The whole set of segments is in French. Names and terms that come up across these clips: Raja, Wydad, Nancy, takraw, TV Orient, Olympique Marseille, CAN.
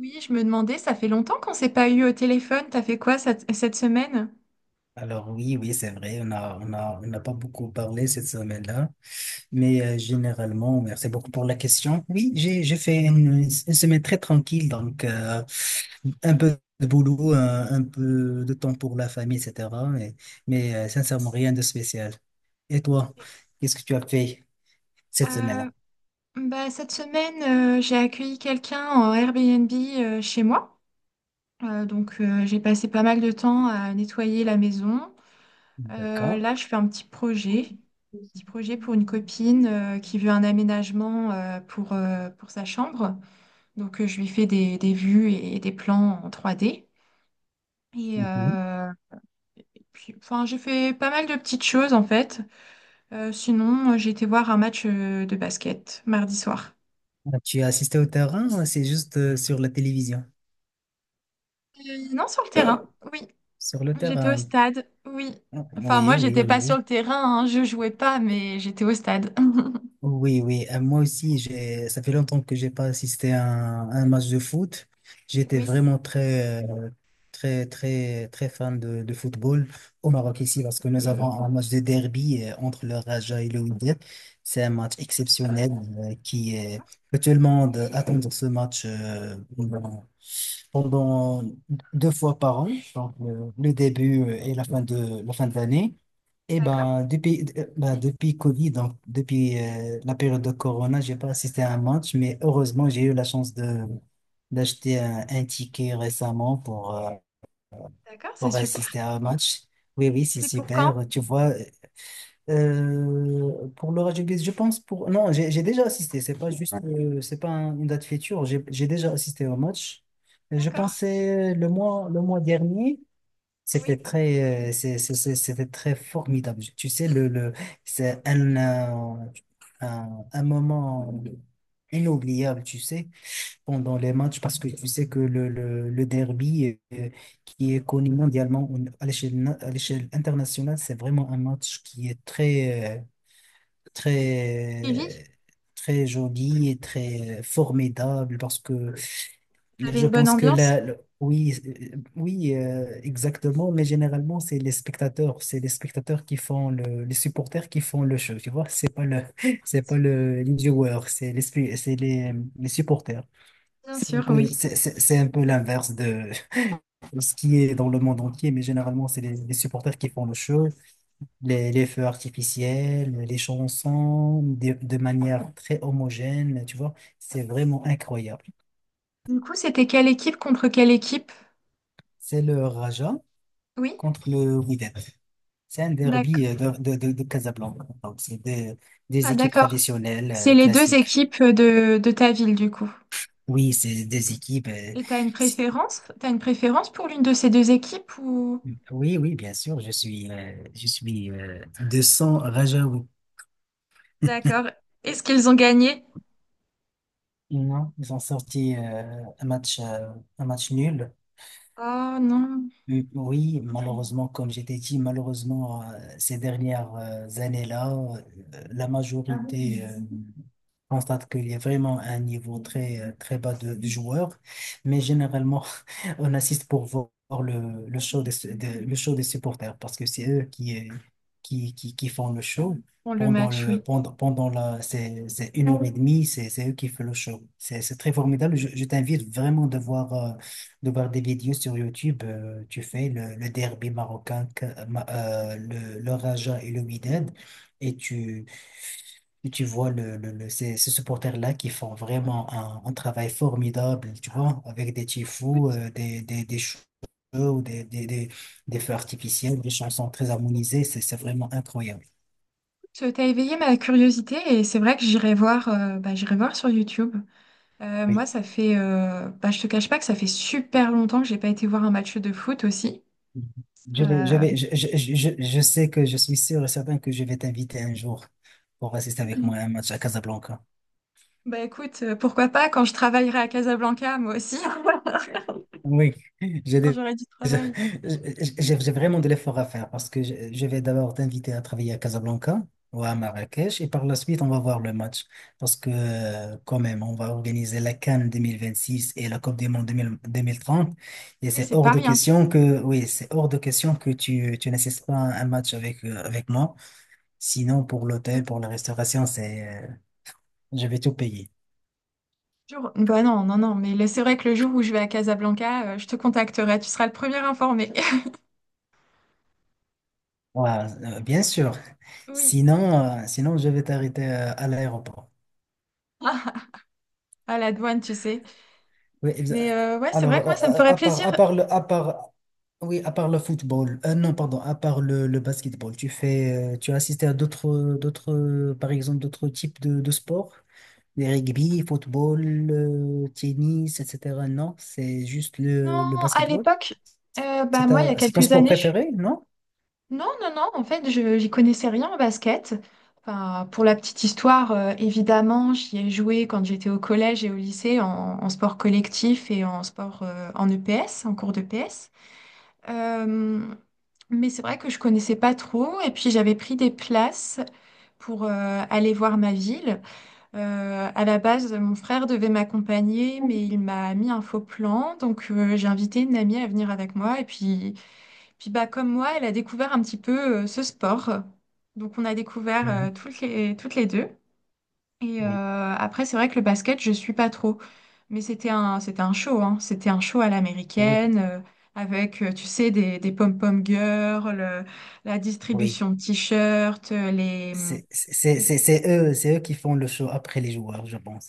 Oui, je me demandais, ça fait longtemps qu'on s'est pas eu au téléphone. T'as fait quoi cette semaine? Alors oui, oui, c'est vrai, on a, on n'a pas beaucoup parlé cette semaine-là, mais généralement, merci beaucoup pour la question. Oui, j'ai fait une semaine très tranquille, donc un peu de boulot, un peu de temps pour la famille, etc. Mais, sincèrement, rien de spécial. Et toi, qu'est-ce que tu as fait cette semaine-là? Euh, Cette semaine, j'ai accueilli quelqu'un en Airbnb chez moi. Donc, j'ai passé pas mal de temps à nettoyer la maison. D'accord. Là, je fais un petit projet pour une copine qui veut un aménagement pour sa chambre. Donc, je lui fais des vues et des plans en trois d. Et, Mhm. euh, et puis, enfin, j'ai fait pas mal de petites choses en fait. Sinon, j'ai été voir un match de basket mardi soir. Ah, tu as assisté au terrain ou c'est juste sur la télévision? Non, sur le terrain, oui. Sur le J'étais au terrain. stade, oui. Ah, Enfin, oui, moi, oui, j'étais pas sur oui. le terrain, hein, je jouais pas, mais j'étais au stade. Oui, oui, moi aussi, ça fait longtemps que j'ai pas assisté à un match de foot. J'étais Oui, vraiment très, très, très, très fan de football au Maroc ici parce que nous avons un match de derby entre le Raja et le Wydad. C'est un match exceptionnel euh, qui est, que tout le monde attend ce match pendant pendant deux fois par an, donc le début et la fin de l'année. Eh d'accord, ben, depuis Covid, donc depuis la période de Corona, j'ai pas assisté à un match, mais heureusement, j'ai eu la chance de d'acheter un ticket récemment d'accord, c'est pour assister super. à un match. Oui, oui, c'est C'est pour quand? super. Tu vois, pour le rugby, Non, j'ai déjà assisté. C'est pas juste, c'est pas une date future. J'ai déjà assisté au match. Je D'accord, pensais le mois dernier. oui. C'était très, c'est- c'était très formidable. Tu sais, c'est un moment inoubliable, tu sais, pendant les matchs, parce que tu sais que le derby, qui est connu mondialement à l'échelle, à l'échelle internationale, c'est vraiment un match qui est très, Vivi, très, très joli et très formidable, parce que vous avez je une bonne pense que ambiance? là, oui, oui, exactement, mais généralement, c'est les spectateurs qui font les supporters qui font le show, tu vois, c'est pas le, c'est pas le, les joueurs, c'est les, spe- c'est les supporters. Bien sûr, oui. C'est un peu l'inverse de ce qui est dans le monde entier, mais généralement, c'est les supporters qui font le show, les feux artificiels, les chansons, de manière très homogène, tu vois, c'est vraiment incroyable. Du coup, c'était quelle équipe contre quelle équipe? C'est le Raja Oui, contre le Wydad. C'est un d'accord. derby de Casablanca. Donc, c'est des Ah, équipes d'accord. traditionnelles, C'est les deux classiques. équipes de ta ville, du coup. Oui, c'est des équipes. Et t'as une c'est- préférence? T'as une préférence pour l'une de ces deux équipes ou... oui, oui, bien sûr. Je suis de sang Rajaoui. D'accord. Est-ce qu'ils ont gagné? Non, ils ont sorti un match nul. Oh non. Mm, oui, malheureusement, comme j'étais dit, malheureusement, ces dernières années-là, la majorité je constate qu'il y a vraiment un niveau très, très bas de joueurs, mais généralement, on assiste pour voir le show le show des supporters parce que c'est eux qui font le show. Bon, le Pendant match, le, oui. pendant, pendant la, c'est une heure et demie, c'est eux qui font le show. C'est très formidable. Je t'invite vraiment de voir des vidéos sur YouTube. Tu fais le derby marocain, le Raja et le Wydad, et tu, et tu vois ces supporters-là qui font vraiment un travail formidable, tu vois, avec des tifos, Écoute, des shows, ou des feux artificiels, des chansons très harmonisées, c'est vraiment incroyable. écoute, t'as éveillé ma curiosité et c'est vrai que j'irai voir, j'irai voir sur YouTube. Oui. Moi, ça fait, je te cache pas que ça fait super longtemps que j'ai pas été voir un match de foot aussi. Je vais, je Euh, vais, je sais que je suis sûr et certain que je vais t'inviter un jour pour assister avec moi à un match à Casablanca. bah écoute, pourquoi pas quand je travaillerai à Casablanca, moi aussi, Oui, j'ai quand des- j'aurai du j'ai travail. J'ai vraiment de l'effort à faire parce que je vais d'abord t'inviter à travailler à Casablanca ou à Marrakech et par la suite on va voir le match parce que quand même on va organiser la CAN 2026 et la Coupe du Monde 2000 2030 et Oui, c'est c'est hors pas de rien. question que oui c'est hors de question que tu n'assistes pas à un match avec moi sinon pour l'hôtel Écoute, pour la restauration c'est je vais tout payer. le jour- Bah non, non, non, mais là, c'est vrai que le jour où je vais à Casablanca, je te contacterai, tu seras le premier informé. Ouais, bien sûr. Oui. Sinon, je vais t'arrêter à l'aéroport. À la douane, tu sais. Oui, Mais ouais, c'est Alors, vrai que moi, ça me ferait plaisir. à part le, à part, oui, à part le football, non, pardon, à part le basketball, tu as assisté à d'autres, par exemple, d'autres types de sports, des rugby, football, tennis, etc. Non, c'est juste le, Non, le à basketball. l'époque, C'est moi, il y a ta- c'est ton quelques sport années, je... suis... préféré, non? Non, non, non, en fait, je j'y connaissais rien en basket. Enfin, pour la petite histoire, évidemment, j'y ai joué quand j'étais au collège et au lycée en sport collectif et en sport en EPS, en cours d'EPS. Euh, mais c'est vrai que je connaissais pas trop et puis j'avais pris des places pour aller voir ma ville. À la base, mon frère devait m'accompagner, mais il m'a mis un faux plan. Donc, j'ai invité une amie à venir avec moi. Et puis, puis bah, comme moi, elle a découvert un petit peu ce sport. Donc, on a découvert Mhm. Toutes les deux. Et Oui, après, c'est vrai que le basket, je suis pas trop. Mais c'était un show, hein. C'était un show à oui, l'américaine, avec, tu sais, des pom-pom girls, la oui. distribution de t-shirts, les. C'est eux qui font le show après les joueurs, je pense.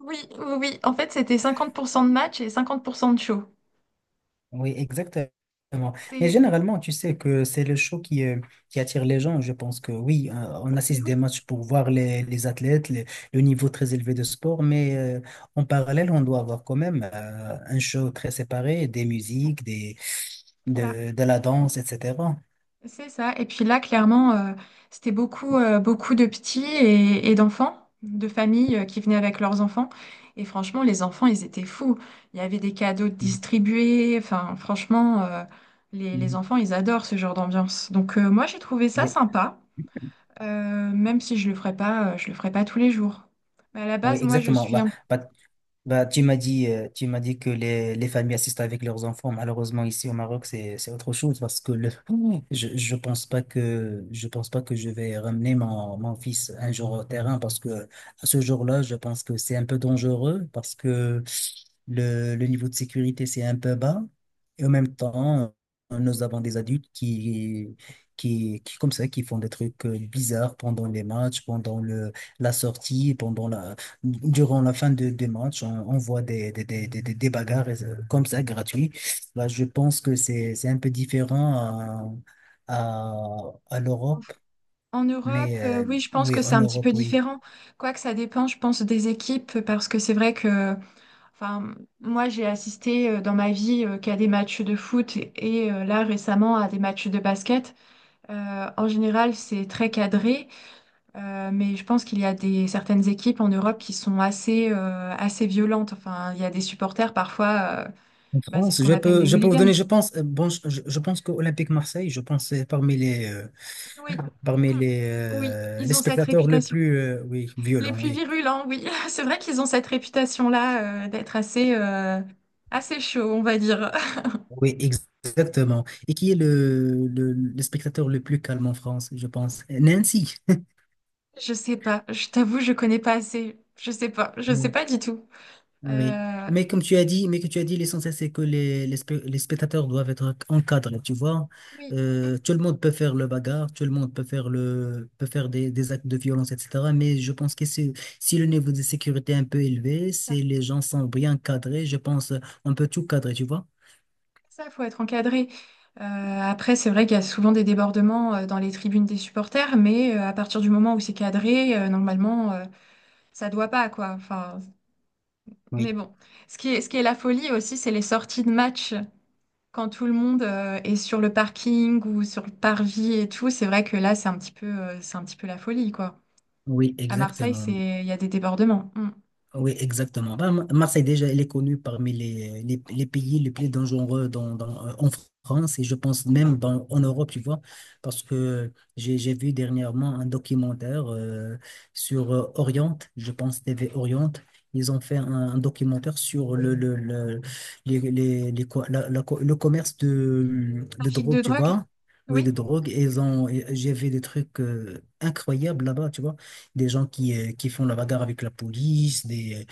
Oui, oui, oui. En fait, c'était 50% de match et 50% de show. Oui, exactement. Mais C'est, généralement, tu sais que c'est le show qui attire les gens. Je pense que oui, on mais assiste des oui, matchs pour voir les athlètes, le niveau très élevé de sport, mais en parallèle, on doit avoir quand même un show très séparé, des musiques, des, ça, de, de la danse, etc. c'est ça. Et puis là, clairement, c'était beaucoup, beaucoup de petits et d'enfants, de familles qui venaient avec leurs enfants. Et franchement, les enfants, ils étaient fous. Il y avait des cadeaux distribués. Enfin, franchement, les Mhm. enfants, ils adorent ce genre d'ambiance. Donc, moi, j'ai trouvé ça Oui, sympa, même si je le ferai pas tous les jours. Mais à la oui, base, moi, je exactement. suis un bah, Bah, tu m'as dit que les familles assistent avec leurs enfants. Malheureusement, ici au Maroc, c'est autre chose parce que je pense pas que, je pense pas que je vais ramener mon fils un jour au terrain parce que à ce jour-là, je pense que c'est un peu dangereux parce que le niveau de sécurité, c'est un peu bas. Et en même temps, nous avons des adultes qui, comme ça, qui font des trucs bizarres pendant les matchs, pendant la sortie, durant la fin des matchs, on voit des bagarres comme ça, gratuits. Là, je pense que c'est un peu différent à peu. l'Europe, En Europe, mais oui, je pense oui, que en c'est un petit peu Europe, oui. différent. Quoique ça dépend, je pense, des équipes, parce que c'est vrai que, enfin, moi, j'ai assisté dans ma vie qu'à des matchs de foot et là, récemment, à des matchs de basket. En général, c'est très cadré, mais je pense qu'il y a des, certaines équipes en Europe qui sont assez, assez violentes. Enfin, il y a des supporters, parfois, En bah, c'est ce France, qu'on je appelle peux, les je peux vous hooligans. donner, je pense que Olympique Marseille, je pense, c'est parmi les, euh, Oui, parmi les, oui, euh, ils les ont cette spectateurs le réputation. plus, oui, Les violents, plus oui. virulents, oui. C'est vrai qu'ils ont cette réputation-là, d'être assez, assez chauds, on va dire. Oui, exactement. Et qui est le spectateur le plus calme en France, je pense? Nancy. Je sais pas. Je t'avoue, je connais pas assez. Je sais pas. Je sais pas du tout. Oui. Euh, Mais que tu as dit, l'essentiel, c'est que les spectateurs doivent être encadrés, tu vois. oui, Tout le monde peut faire le bagarre, tout le monde peut faire des actes de violence, etc. Mais je pense que si le niveau de sécurité est un peu élevé, ça, si les gens sont bien cadrés, je pense on peut tout cadrer, tu vois. ça, faut être encadré. Après, c'est vrai qu'il y a souvent des débordements dans les tribunes des supporters, mais à partir du moment où c'est cadré, normalement, ça doit pas, quoi. Enfin, Oui. mais bon. Ce qui est la folie aussi, c'est les sorties de match. Quand tout le monde est sur le parking ou sur le parvis et tout, c'est vrai que là, c'est un petit peu, c'est un petit peu la folie, quoi. Oui, À Marseille, exactement. c'est, il y a des débordements. Mm. Oui, exactement. Ben, Marseille, déjà, elle est connue parmi les pays les plus dangereux en France et je pense même en Europe, tu vois, parce que j'ai vu dernièrement un documentaire sur Orient, je pense TV Orient. Ils ont fait un documentaire sur le, les co- le commerce de Trafic de drogue, tu drogue? vois. Oui, Oui. de drogue. Et j'ai vu des trucs incroyables là-bas, tu vois des gens qui font la bagarre avec la police, des,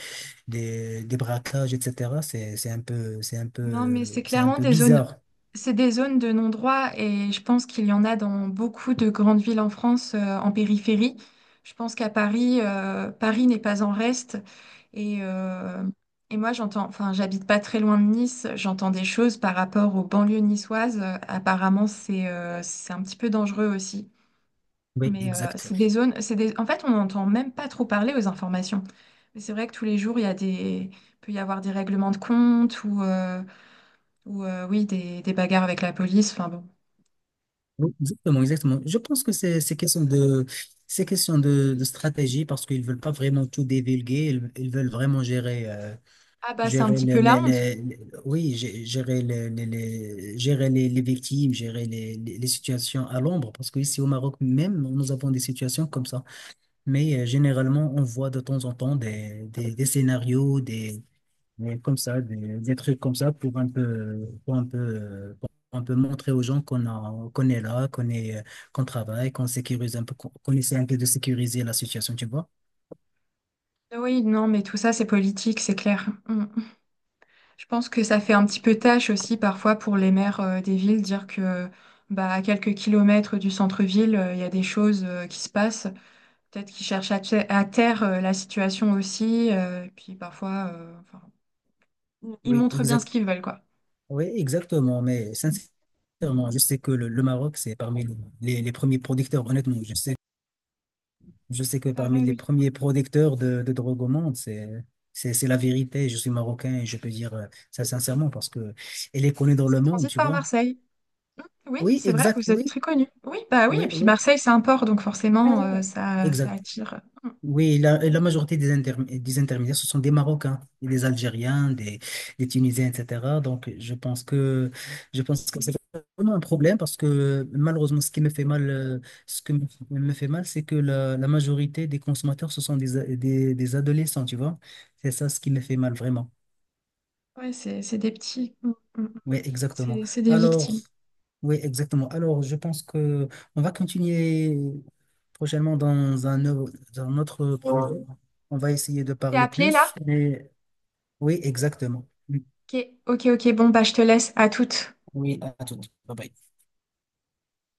des, des braquages, etc. C'est, c'est un peu, c'est un Non, mais c'est peu, c'est un clairement peu des zones, bizarre. c'est des zones de non-droit et je pense qu'il y en a dans beaucoup de grandes villes en France, en périphérie. Je pense qu'à Paris, Paris n'est pas en reste. Et, euh, et moi, j'entends, enfin, j'habite pas très loin de Nice, j'entends des choses par rapport aux banlieues niçoises. Apparemment, c'est un petit peu dangereux aussi. Oui, Mais exact. c'est des zones, c'est des... En fait, on n'entend même pas trop parler aux informations. Mais c'est vrai que tous les jours, il y a des... il peut y avoir des règlements de compte ou... ou oui, des bagarres avec la police. Enfin bon. Oui, exactement, exactement. Je pense que c'est question de stratégie parce qu'ils veulent pas vraiment tout divulguer. Ils veulent vraiment gérer, euh, Ah bah c'est un gérer petit peu la honte. Oui, gé- gérer les- gérer les victimes, gérer les situations à l'ombre. Parce que ici au Maroc même, nous avons des situations comme ça. Mais généralement, on voit de temps en temps des scénarios, comme ça, des trucs comme ça pour un peu montrer aux gens qu'on est là, qu'on travaille, qu'on sécurise un peu, qu'on essaie un peu de sécuriser la situation, tu vois. Ah oui, non, mais tout ça c'est politique, c'est clair. Mm. Mm. Je pense que ça fait un petit peu tâche aussi parfois pour les maires des villes dire que bah à quelques kilomètres du centre-ville, il y a des choses qui se passent. Peut-être qu'ils cherchent te- à taire la situation aussi. Et puis parfois, enfin, ils Oui, montrent bien ce exactement. qu'ils veulent quoi. Oui, exactement. Mais sincèrement, je sais que le Maroc, c'est parmi les premiers producteurs. Honnêtement, je sais que parmi Pareil, les oui. premiers producteurs de drogue au monde, c'est la vérité. Je suis marocain et je peux dire ça sincèrement parce que elle est connue dans Ça le monde, transite tu par vois. Marseille. Oui, Oui, c'est vrai, exact. vous êtes Oui, très connu. Oui, bah oui, et oui, puis oui, Marseille, c'est un port, donc forcément, ça, ça exact. attire. Mm. Oui, la majorité des intermédiaires, ce sont des Marocains, et des Algériens, des Tunisiens, etc. Donc, je pense que c'est vraiment un problème parce que malheureusement, ce qui me fait mal, c'est que la majorité des consommateurs, ce sont des adolescents, tu vois. C'est ça ce qui me fait mal vraiment. Ouais, c'est des petits. Mm, mm, mm. Oui, exactement. C'est des Alors, victimes. oui, exactement. Alors, je pense que on va continuer prochainement dans un autre projet. On va essayer de T'es parler appelé là? plus. Mais oui, exactement. Ok, ok, ok, bon, bah je te laisse à toutes. Oui, à tout. Bye bye.